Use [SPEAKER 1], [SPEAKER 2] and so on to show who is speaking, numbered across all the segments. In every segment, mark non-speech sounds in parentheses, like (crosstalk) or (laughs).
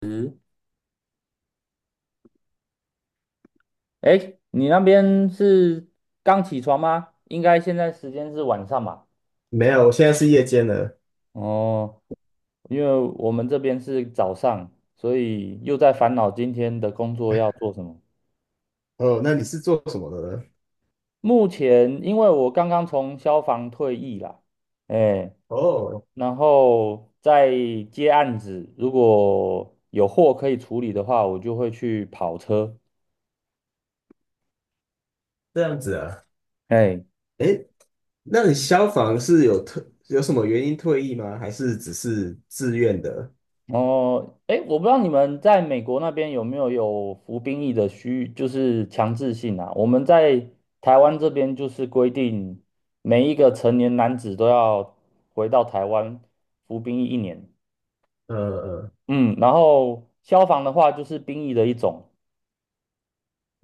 [SPEAKER 1] 嗯。哎，你那边是刚起床吗？应该现在时间是晚上吧？
[SPEAKER 2] 没有，我现在是夜间的。
[SPEAKER 1] 哦，因为我们这边是早上，所以又在烦恼今天的工作要做什么。
[SPEAKER 2] 哦，那你是做什么的呢？
[SPEAKER 1] 目前因为我刚刚从消防退役啦。哎，
[SPEAKER 2] 哦，
[SPEAKER 1] 然后在接案子，如果有货可以处理的话，我就会去跑车。
[SPEAKER 2] 这样子啊。
[SPEAKER 1] 哎。
[SPEAKER 2] 诶，那你消防是有什么原因退役吗？还是只是自愿的？
[SPEAKER 1] 哦，哎，我不知道你们在美国那边有没有服兵役的需，就是强制性啊？我们在台湾这边就是规定，每一个成年男子都要回到台湾服兵役一年。
[SPEAKER 2] 呃呃，
[SPEAKER 1] 嗯，然后消防的话就是兵役的一种。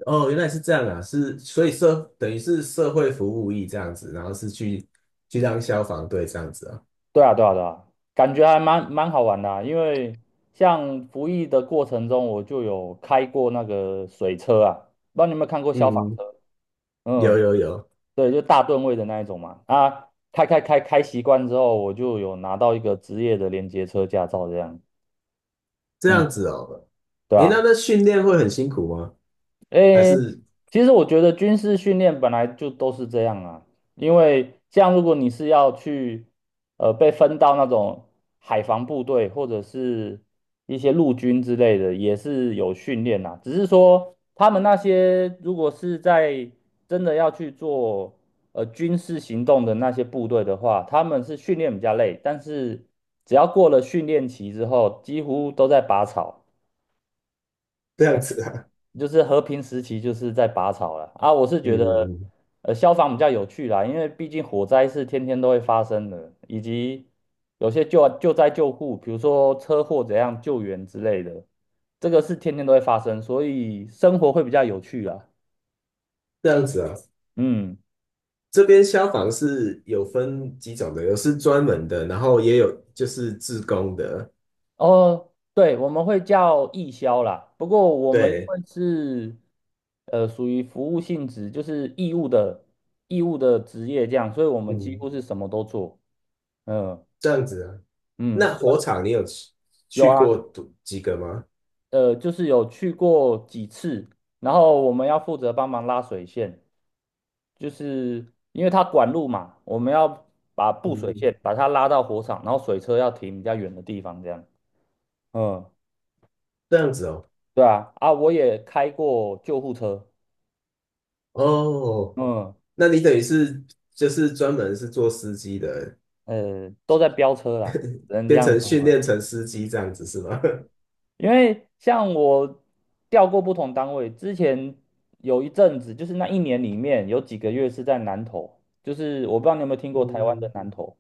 [SPEAKER 2] 哦，原来是这样啊，是，所以等于是社会服务役这样子，然后是去当消防队这样子啊。
[SPEAKER 1] 对啊，对啊，对啊，感觉还蛮好玩的啊，因为像服役的过程中，我就有开过那个水车啊，不知道你有没有看过消防
[SPEAKER 2] 嗯，
[SPEAKER 1] 车？
[SPEAKER 2] 有
[SPEAKER 1] 嗯。
[SPEAKER 2] 有有，
[SPEAKER 1] 对，就大吨位的那一种嘛。啊，开习惯之后，我就有拿到一个职业的连接车驾照，这样。
[SPEAKER 2] 这
[SPEAKER 1] 嗯，
[SPEAKER 2] 样子哦。
[SPEAKER 1] 对
[SPEAKER 2] 诶，那
[SPEAKER 1] 吧？
[SPEAKER 2] 那训练会很辛苦吗？还
[SPEAKER 1] 诶，
[SPEAKER 2] 是
[SPEAKER 1] 其实我觉得军事训练本来就都是这样啊，因为像如果你是要去，被分到那种海防部队或者是一些陆军之类的，也是有训练啦。只是说他们那些如果是在真的要去做军事行动的那些部队的话，他们是训练比较累，但是只要过了训练期之后，几乎都在拔草。
[SPEAKER 2] 这样子啊？
[SPEAKER 1] 就是和平时期就是在拔草了啊。我是
[SPEAKER 2] 嗯
[SPEAKER 1] 觉得，
[SPEAKER 2] 嗯嗯，
[SPEAKER 1] 消防比较有趣啦，因为毕竟火灾是天天都会发生的，以及有些救灾救护，比如说车祸怎样救援之类的，这个是天天都会发生，所以生活会比较有趣啦。
[SPEAKER 2] 这样子啊。
[SPEAKER 1] 嗯，
[SPEAKER 2] 这边消防是有分几种的，有是专门的，然后也有就是自工的。
[SPEAKER 1] 哦，对，我们会叫义消啦。不过我们因
[SPEAKER 2] 对，
[SPEAKER 1] 为是属于服务性质，就是义务的职业这样，所以我们几
[SPEAKER 2] 嗯，
[SPEAKER 1] 乎是什么都做。嗯
[SPEAKER 2] 这样子啊。
[SPEAKER 1] 嗯，
[SPEAKER 2] 那火场你有去
[SPEAKER 1] 有
[SPEAKER 2] 去
[SPEAKER 1] 啊，
[SPEAKER 2] 过多几个吗？
[SPEAKER 1] 就是有去过几次，然后我们要负责帮忙拉水线，就是因为它管路嘛，我们要把
[SPEAKER 2] 嗯，
[SPEAKER 1] 布水线
[SPEAKER 2] 嗯，
[SPEAKER 1] 把它拉到火场，然后水车要停比较远的地方，这样。嗯，
[SPEAKER 2] 这样子哦。
[SPEAKER 1] 对啊，啊，我也开过救护车。
[SPEAKER 2] 哦，
[SPEAKER 1] 嗯，
[SPEAKER 2] 那你等于是就是专门是做司机的，
[SPEAKER 1] 都在飙车啦，只能这
[SPEAKER 2] 变
[SPEAKER 1] 样
[SPEAKER 2] 成
[SPEAKER 1] 说
[SPEAKER 2] 训
[SPEAKER 1] 了。
[SPEAKER 2] 练成司机这样子是吗？(laughs)
[SPEAKER 1] 因为像我调过不同单位，之前有一阵子，就是那一年里面有几个月是在南投，就是我不知道你有没有听过台湾的
[SPEAKER 2] 嗯，
[SPEAKER 1] 南投。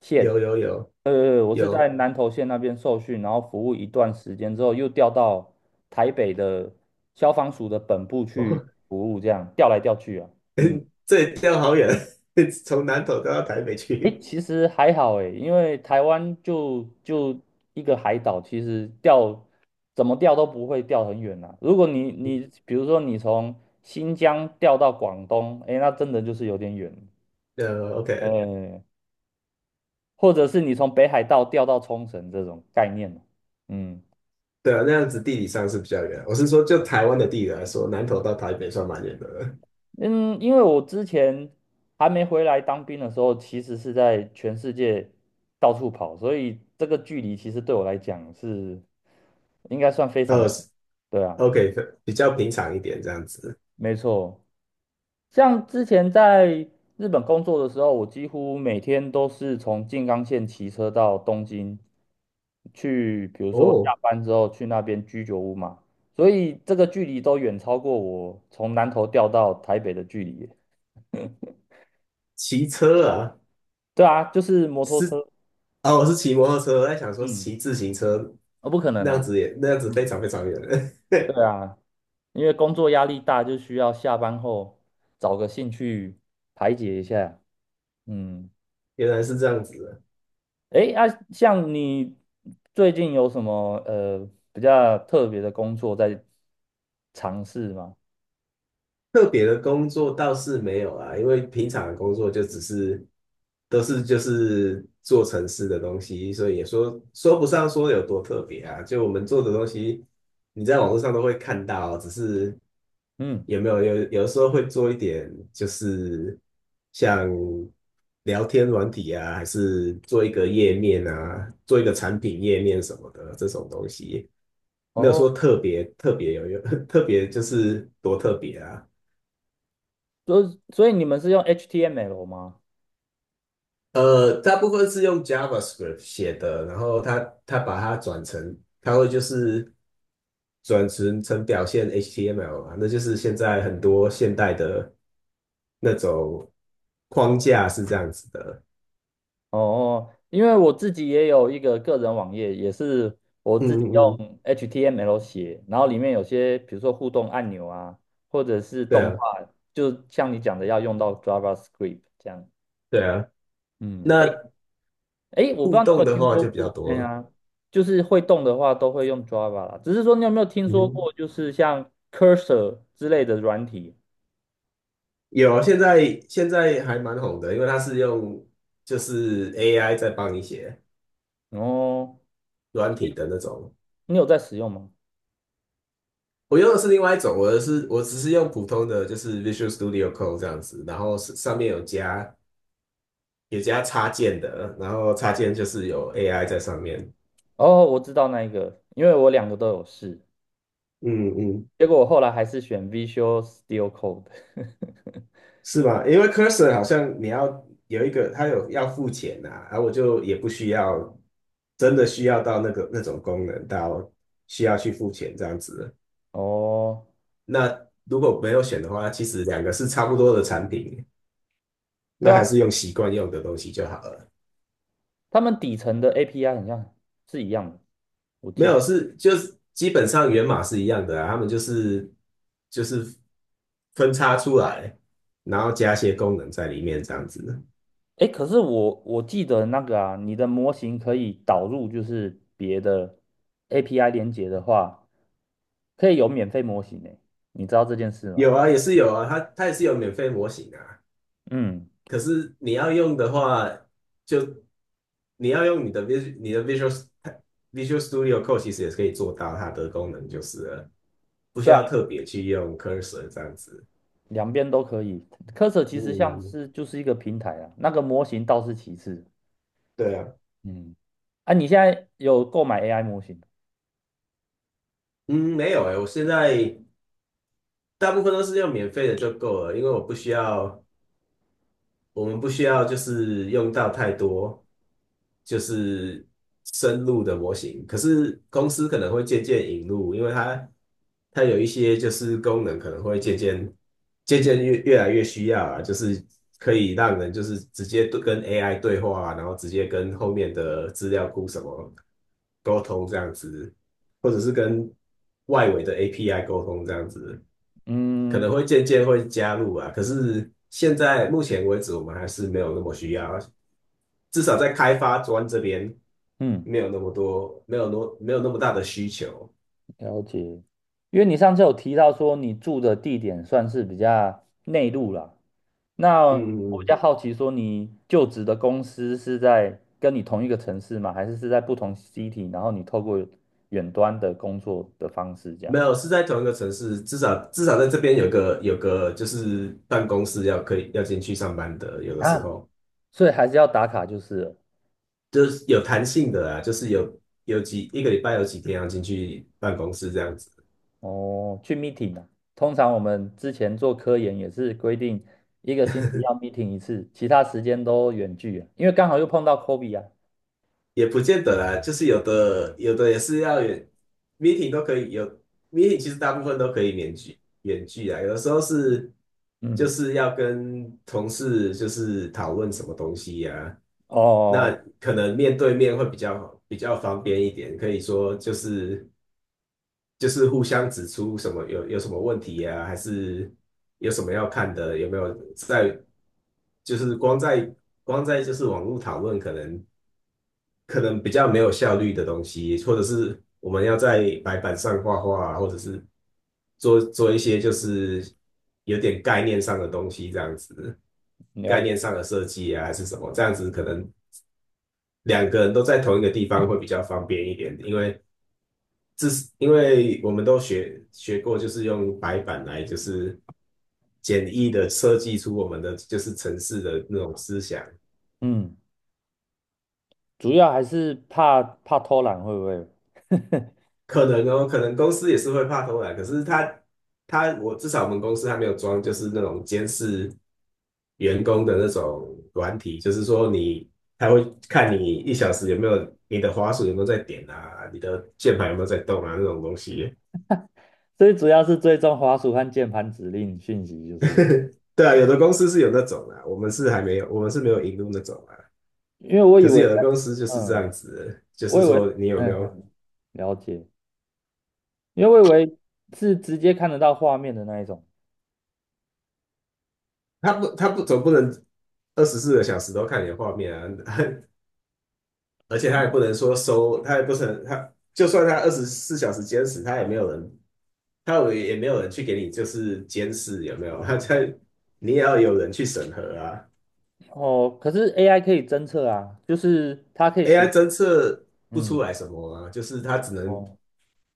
[SPEAKER 1] 县，
[SPEAKER 2] 有有有
[SPEAKER 1] 我是在
[SPEAKER 2] 有
[SPEAKER 1] 南投县那边受训，然后服务一段时间之后，又调到台北的消防署的本部去
[SPEAKER 2] 哦，
[SPEAKER 1] 服务，这样调来调去啊。嗯，
[SPEAKER 2] (laughs) 这里掉好远，(laughs) 从南投掉到台北
[SPEAKER 1] 诶，
[SPEAKER 2] 去。
[SPEAKER 1] 其实还好诶，因为台湾就一个海岛，其实调怎么调都不会调很远啊。如果你比如说你从新疆调到广东，诶，那真的就是有点远，
[SPEAKER 2] OK，
[SPEAKER 1] 呃，或者是你从北海道调到冲绳这种概念。嗯。
[SPEAKER 2] 对啊，那样子地理上是比较远。我是说，就台湾的地理来说，南投到台北算蛮远的了。
[SPEAKER 1] 嗯，因为我之前还没回来当兵的时候，其实是在全世界到处跑，所以这个距离其实对我来讲是应该算非常，
[SPEAKER 2] 呃
[SPEAKER 1] 对啊，
[SPEAKER 2] o k， 比较平常一点这样子。
[SPEAKER 1] 没错。像之前在日本工作的时候，我几乎每天都是从静冈县骑车到东京去，比如说下
[SPEAKER 2] 哦，
[SPEAKER 1] 班之后去那边居酒屋嘛，所以这个距离都远超过我从南投调到台北的距离耶。
[SPEAKER 2] 骑车啊，
[SPEAKER 1] 对啊，就是摩托
[SPEAKER 2] 是
[SPEAKER 1] 车。
[SPEAKER 2] 哦，我是骑摩托车，我在想说
[SPEAKER 1] 嗯。
[SPEAKER 2] 骑自行车
[SPEAKER 1] 啊，不可能
[SPEAKER 2] 那样
[SPEAKER 1] 啊。
[SPEAKER 2] 子，也那样子非
[SPEAKER 1] 嗯，
[SPEAKER 2] 常非常远了。
[SPEAKER 1] 对
[SPEAKER 2] (laughs)
[SPEAKER 1] 啊，因为工作压力大，就需要下班后找个兴趣排解一下。嗯，
[SPEAKER 2] 原来是这样子。
[SPEAKER 1] 诶，啊，像你最近有什么比较特别的工作在尝试吗？
[SPEAKER 2] 特别的工作倒是没有啊，因为平常的工作就只是就是做程式的东西，所以也说不上说有多特别啊。就我们做的东西，你在网络上都会看到，只是
[SPEAKER 1] 嗯，
[SPEAKER 2] 有没有有的时候会做一点，就是像聊天软体啊，还是做一个页面啊，做一个产品页面什么的这种东西，没有
[SPEAKER 1] 哦，
[SPEAKER 2] 说特别特别有用，(laughs) 特别就是多特别啊。
[SPEAKER 1] 所以你们是用 HTML 吗？
[SPEAKER 2] 大部分是用 JavaScript 写的，然后它把它转成，它会就是转成表现 HTML 嘛，那就是现在很多现代的那种框架是这样子的。
[SPEAKER 1] 哦，因为我自己也有一个个人网页，也是我
[SPEAKER 2] 嗯
[SPEAKER 1] 自己
[SPEAKER 2] 嗯嗯，
[SPEAKER 1] 用 HTML 写，然后里面有些比如说互动按钮啊，或者是
[SPEAKER 2] 对
[SPEAKER 1] 动
[SPEAKER 2] 啊
[SPEAKER 1] 画，就像你讲的要用到 JavaScript 这样。
[SPEAKER 2] 对啊。
[SPEAKER 1] 嗯，诶
[SPEAKER 2] 那
[SPEAKER 1] 诶，我不知
[SPEAKER 2] 互
[SPEAKER 1] 道你有没
[SPEAKER 2] 动
[SPEAKER 1] 有
[SPEAKER 2] 的
[SPEAKER 1] 听
[SPEAKER 2] 话
[SPEAKER 1] 说
[SPEAKER 2] 就比较
[SPEAKER 1] 过，哎
[SPEAKER 2] 多了。
[SPEAKER 1] 呀，就是会动的话都会用 Java 啦，只是说你有没有听
[SPEAKER 2] 嗯
[SPEAKER 1] 说
[SPEAKER 2] 哼，
[SPEAKER 1] 过，就是像 Cursor 之类的软体？
[SPEAKER 2] 有啊，现在还蛮红的，因为它是用就是 AI 在帮你写
[SPEAKER 1] 哦，
[SPEAKER 2] 软体的那种。
[SPEAKER 1] 你有在使用吗？
[SPEAKER 2] 我用的是另外一种，我的是我只是用普通的，就是 Visual Studio Code 这样子，然后是上面有加插件的，然后插件就是有 AI 在上面。
[SPEAKER 1] 哦，我知道那一个，因为我两个都有试。
[SPEAKER 2] 嗯嗯，
[SPEAKER 1] 结果我后来还是选 Visual Studio Code。(laughs)
[SPEAKER 2] 是吧？因为 Cursor 好像你要有一个，它有要付钱呐、啊，然后我就也不需要真的需要到那个那种功能，到需要去付钱这样子。
[SPEAKER 1] 哦，
[SPEAKER 2] 那如果没有选的话，其实两个是差不多的产品，
[SPEAKER 1] 对
[SPEAKER 2] 那还
[SPEAKER 1] 啊，
[SPEAKER 2] 是用习惯用的东西就好了。
[SPEAKER 1] 他们底层的 API 很像是一样的，我
[SPEAKER 2] 没
[SPEAKER 1] 记
[SPEAKER 2] 有，
[SPEAKER 1] 得。
[SPEAKER 2] 是就是基本上源码是一样的啊，他们就是分叉出来，然后加些功能在里面这样子。
[SPEAKER 1] 哎，可是我记得那个啊，你的模型可以导入就是别的 API 连接的话，可以有免费模型呢。你知道这件事吗？
[SPEAKER 2] 有啊，也是有啊，它也是有免费模型啊。
[SPEAKER 1] 嗯，
[SPEAKER 2] 可是你要用的话，就用你的 Vis u a l 你的 Visual Visual Studio Code 其实也是可以做到它的功能就是了，不需
[SPEAKER 1] 对
[SPEAKER 2] 要
[SPEAKER 1] 啊，
[SPEAKER 2] 特别去用 Cursor 这样子。
[SPEAKER 1] 两边都可以。Cursor 其实像
[SPEAKER 2] 嗯，
[SPEAKER 1] 是就是一个平台啊，那个模型倒是其次。
[SPEAKER 2] 对啊，
[SPEAKER 1] 嗯，啊，你现在有购买 AI 模型？
[SPEAKER 2] 嗯，没有诶，我现在。大部分都是用免费的就够了，因为我不需要，我们不需要就是用到太多就是深入的模型。可是公司可能会渐渐引入，因为它有一些就是功能可能会渐渐越来越需要啊，就是可以让人就是直接对跟 AI 对话啊然后直接跟后面的资料库什么沟通这样子，或者是跟外围的 API 沟通这样子。可
[SPEAKER 1] 嗯
[SPEAKER 2] 能会渐渐会加入啊。可是现在目前为止，我们还是没有那么需要，至少在开发端这边
[SPEAKER 1] 嗯。
[SPEAKER 2] 没有那么多，没有没有那么大的需求。
[SPEAKER 1] 了解，因为你上次有提到说你住的地点算是比较内陆啦，那
[SPEAKER 2] 嗯嗯
[SPEAKER 1] 我比
[SPEAKER 2] 嗯，
[SPEAKER 1] 较好奇说你就职的公司是在跟你同一个城市吗？还是是在不同 city，然后你透过远端的工作的方式这样
[SPEAKER 2] 没有，是在同一个城市，至少在这边有个就是办公室要可以要进去上班的，有的时
[SPEAKER 1] 啊？
[SPEAKER 2] 候
[SPEAKER 1] 所以还是要打卡就是了。
[SPEAKER 2] 就是有弹性的啊，就是有一个礼拜有几天要进去办公室这样子。
[SPEAKER 1] 哦，去 meeting 啊。通常我们之前做科研也是规定一个星期要 meeting 一次，其他时间都远距啊，因为刚好又碰到 COVID 啊。
[SPEAKER 2] 也不见得啦，就是有的也是要远 meeting 都可以有 meeting,其实大部分都可以远距啊，有的时候是就
[SPEAKER 1] 嗯，
[SPEAKER 2] 是要跟同事就是讨论什么东西呀、那
[SPEAKER 1] 哦。
[SPEAKER 2] 可能面对面会比较方便一点，可以说就是互相指出什么有什么问题呀、还是有什么要看的，有没有在就是光在就是网络讨论可能。可能比较没有效率的东西，或者是我们要在白板上画画啊，或者是做一些就是有点概念上的东西，这样子，概
[SPEAKER 1] 了
[SPEAKER 2] 念上的设计啊，还是什么，这样子可能两个人都在同一个地方会比较方便一点，因为这是因为我们都学过，就是用白板来就是简易的设计出我们的就是城市的那种思想，
[SPEAKER 1] 嗯，主要还是怕偷懒，会不会？
[SPEAKER 2] 可能哦，可能公司也是会怕偷懒，可是他我至少我们公司还没有装，就是那种监视员工的那种软体，就是说他会看你一小时有没有你的滑鼠有没有在点啊，你的键盘有没有在动啊那种东西。
[SPEAKER 1] 最主要是追踪滑鼠和键盘指令讯息，就是
[SPEAKER 2] (laughs) 对啊，有的公司是有那种啊，我们是还没有，我们是没有引入那种啊。
[SPEAKER 1] 因为我
[SPEAKER 2] 可
[SPEAKER 1] 以
[SPEAKER 2] 是
[SPEAKER 1] 为，
[SPEAKER 2] 有的公司就是这
[SPEAKER 1] 嗯，
[SPEAKER 2] 样子的就
[SPEAKER 1] 我
[SPEAKER 2] 是
[SPEAKER 1] 以
[SPEAKER 2] 说
[SPEAKER 1] 为，
[SPEAKER 2] 你有没有，
[SPEAKER 1] 嗯，了解，因为我以为是直接看得到画面的那一种。
[SPEAKER 2] 他不总不能24个小时都看你的画面啊，(laughs) 而且他也不能说收，他也不能，他就算他24小时监视，他也没有人，也也没有人去给你就是监视有没有？(laughs) 他在你也要有人去审核啊。
[SPEAKER 1] 哦，可是 AI 可以侦测啊，就是它可以
[SPEAKER 2] AI
[SPEAKER 1] 学，
[SPEAKER 2] 侦测不出
[SPEAKER 1] 嗯，
[SPEAKER 2] 来什么啊，就是他只能
[SPEAKER 1] 哦，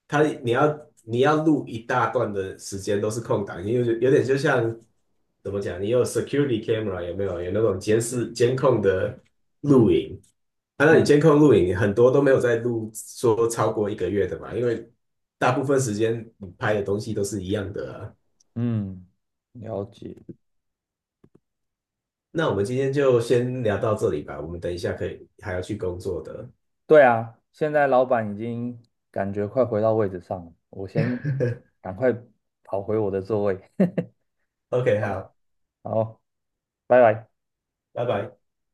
[SPEAKER 2] 你要录一大段的时间都是空档，因为有点就像怎么讲，你有 security camera 有没有？有那种监视监控的录
[SPEAKER 1] 嗯
[SPEAKER 2] 影，啊，那你
[SPEAKER 1] 嗯
[SPEAKER 2] 监控录影很多都没有在录说超过一个月的嘛，因为大部分时间你拍的东西都是一样的啊。
[SPEAKER 1] 嗯，了解。
[SPEAKER 2] 那我们今天就先聊到这里吧，我们等一下可以还要去工作的。
[SPEAKER 1] 对啊，现在老板已经感觉快回到位置上了，我先赶快跑回我的座位。(laughs)
[SPEAKER 2] OK,好，
[SPEAKER 1] 好，拜拜。
[SPEAKER 2] 拜拜。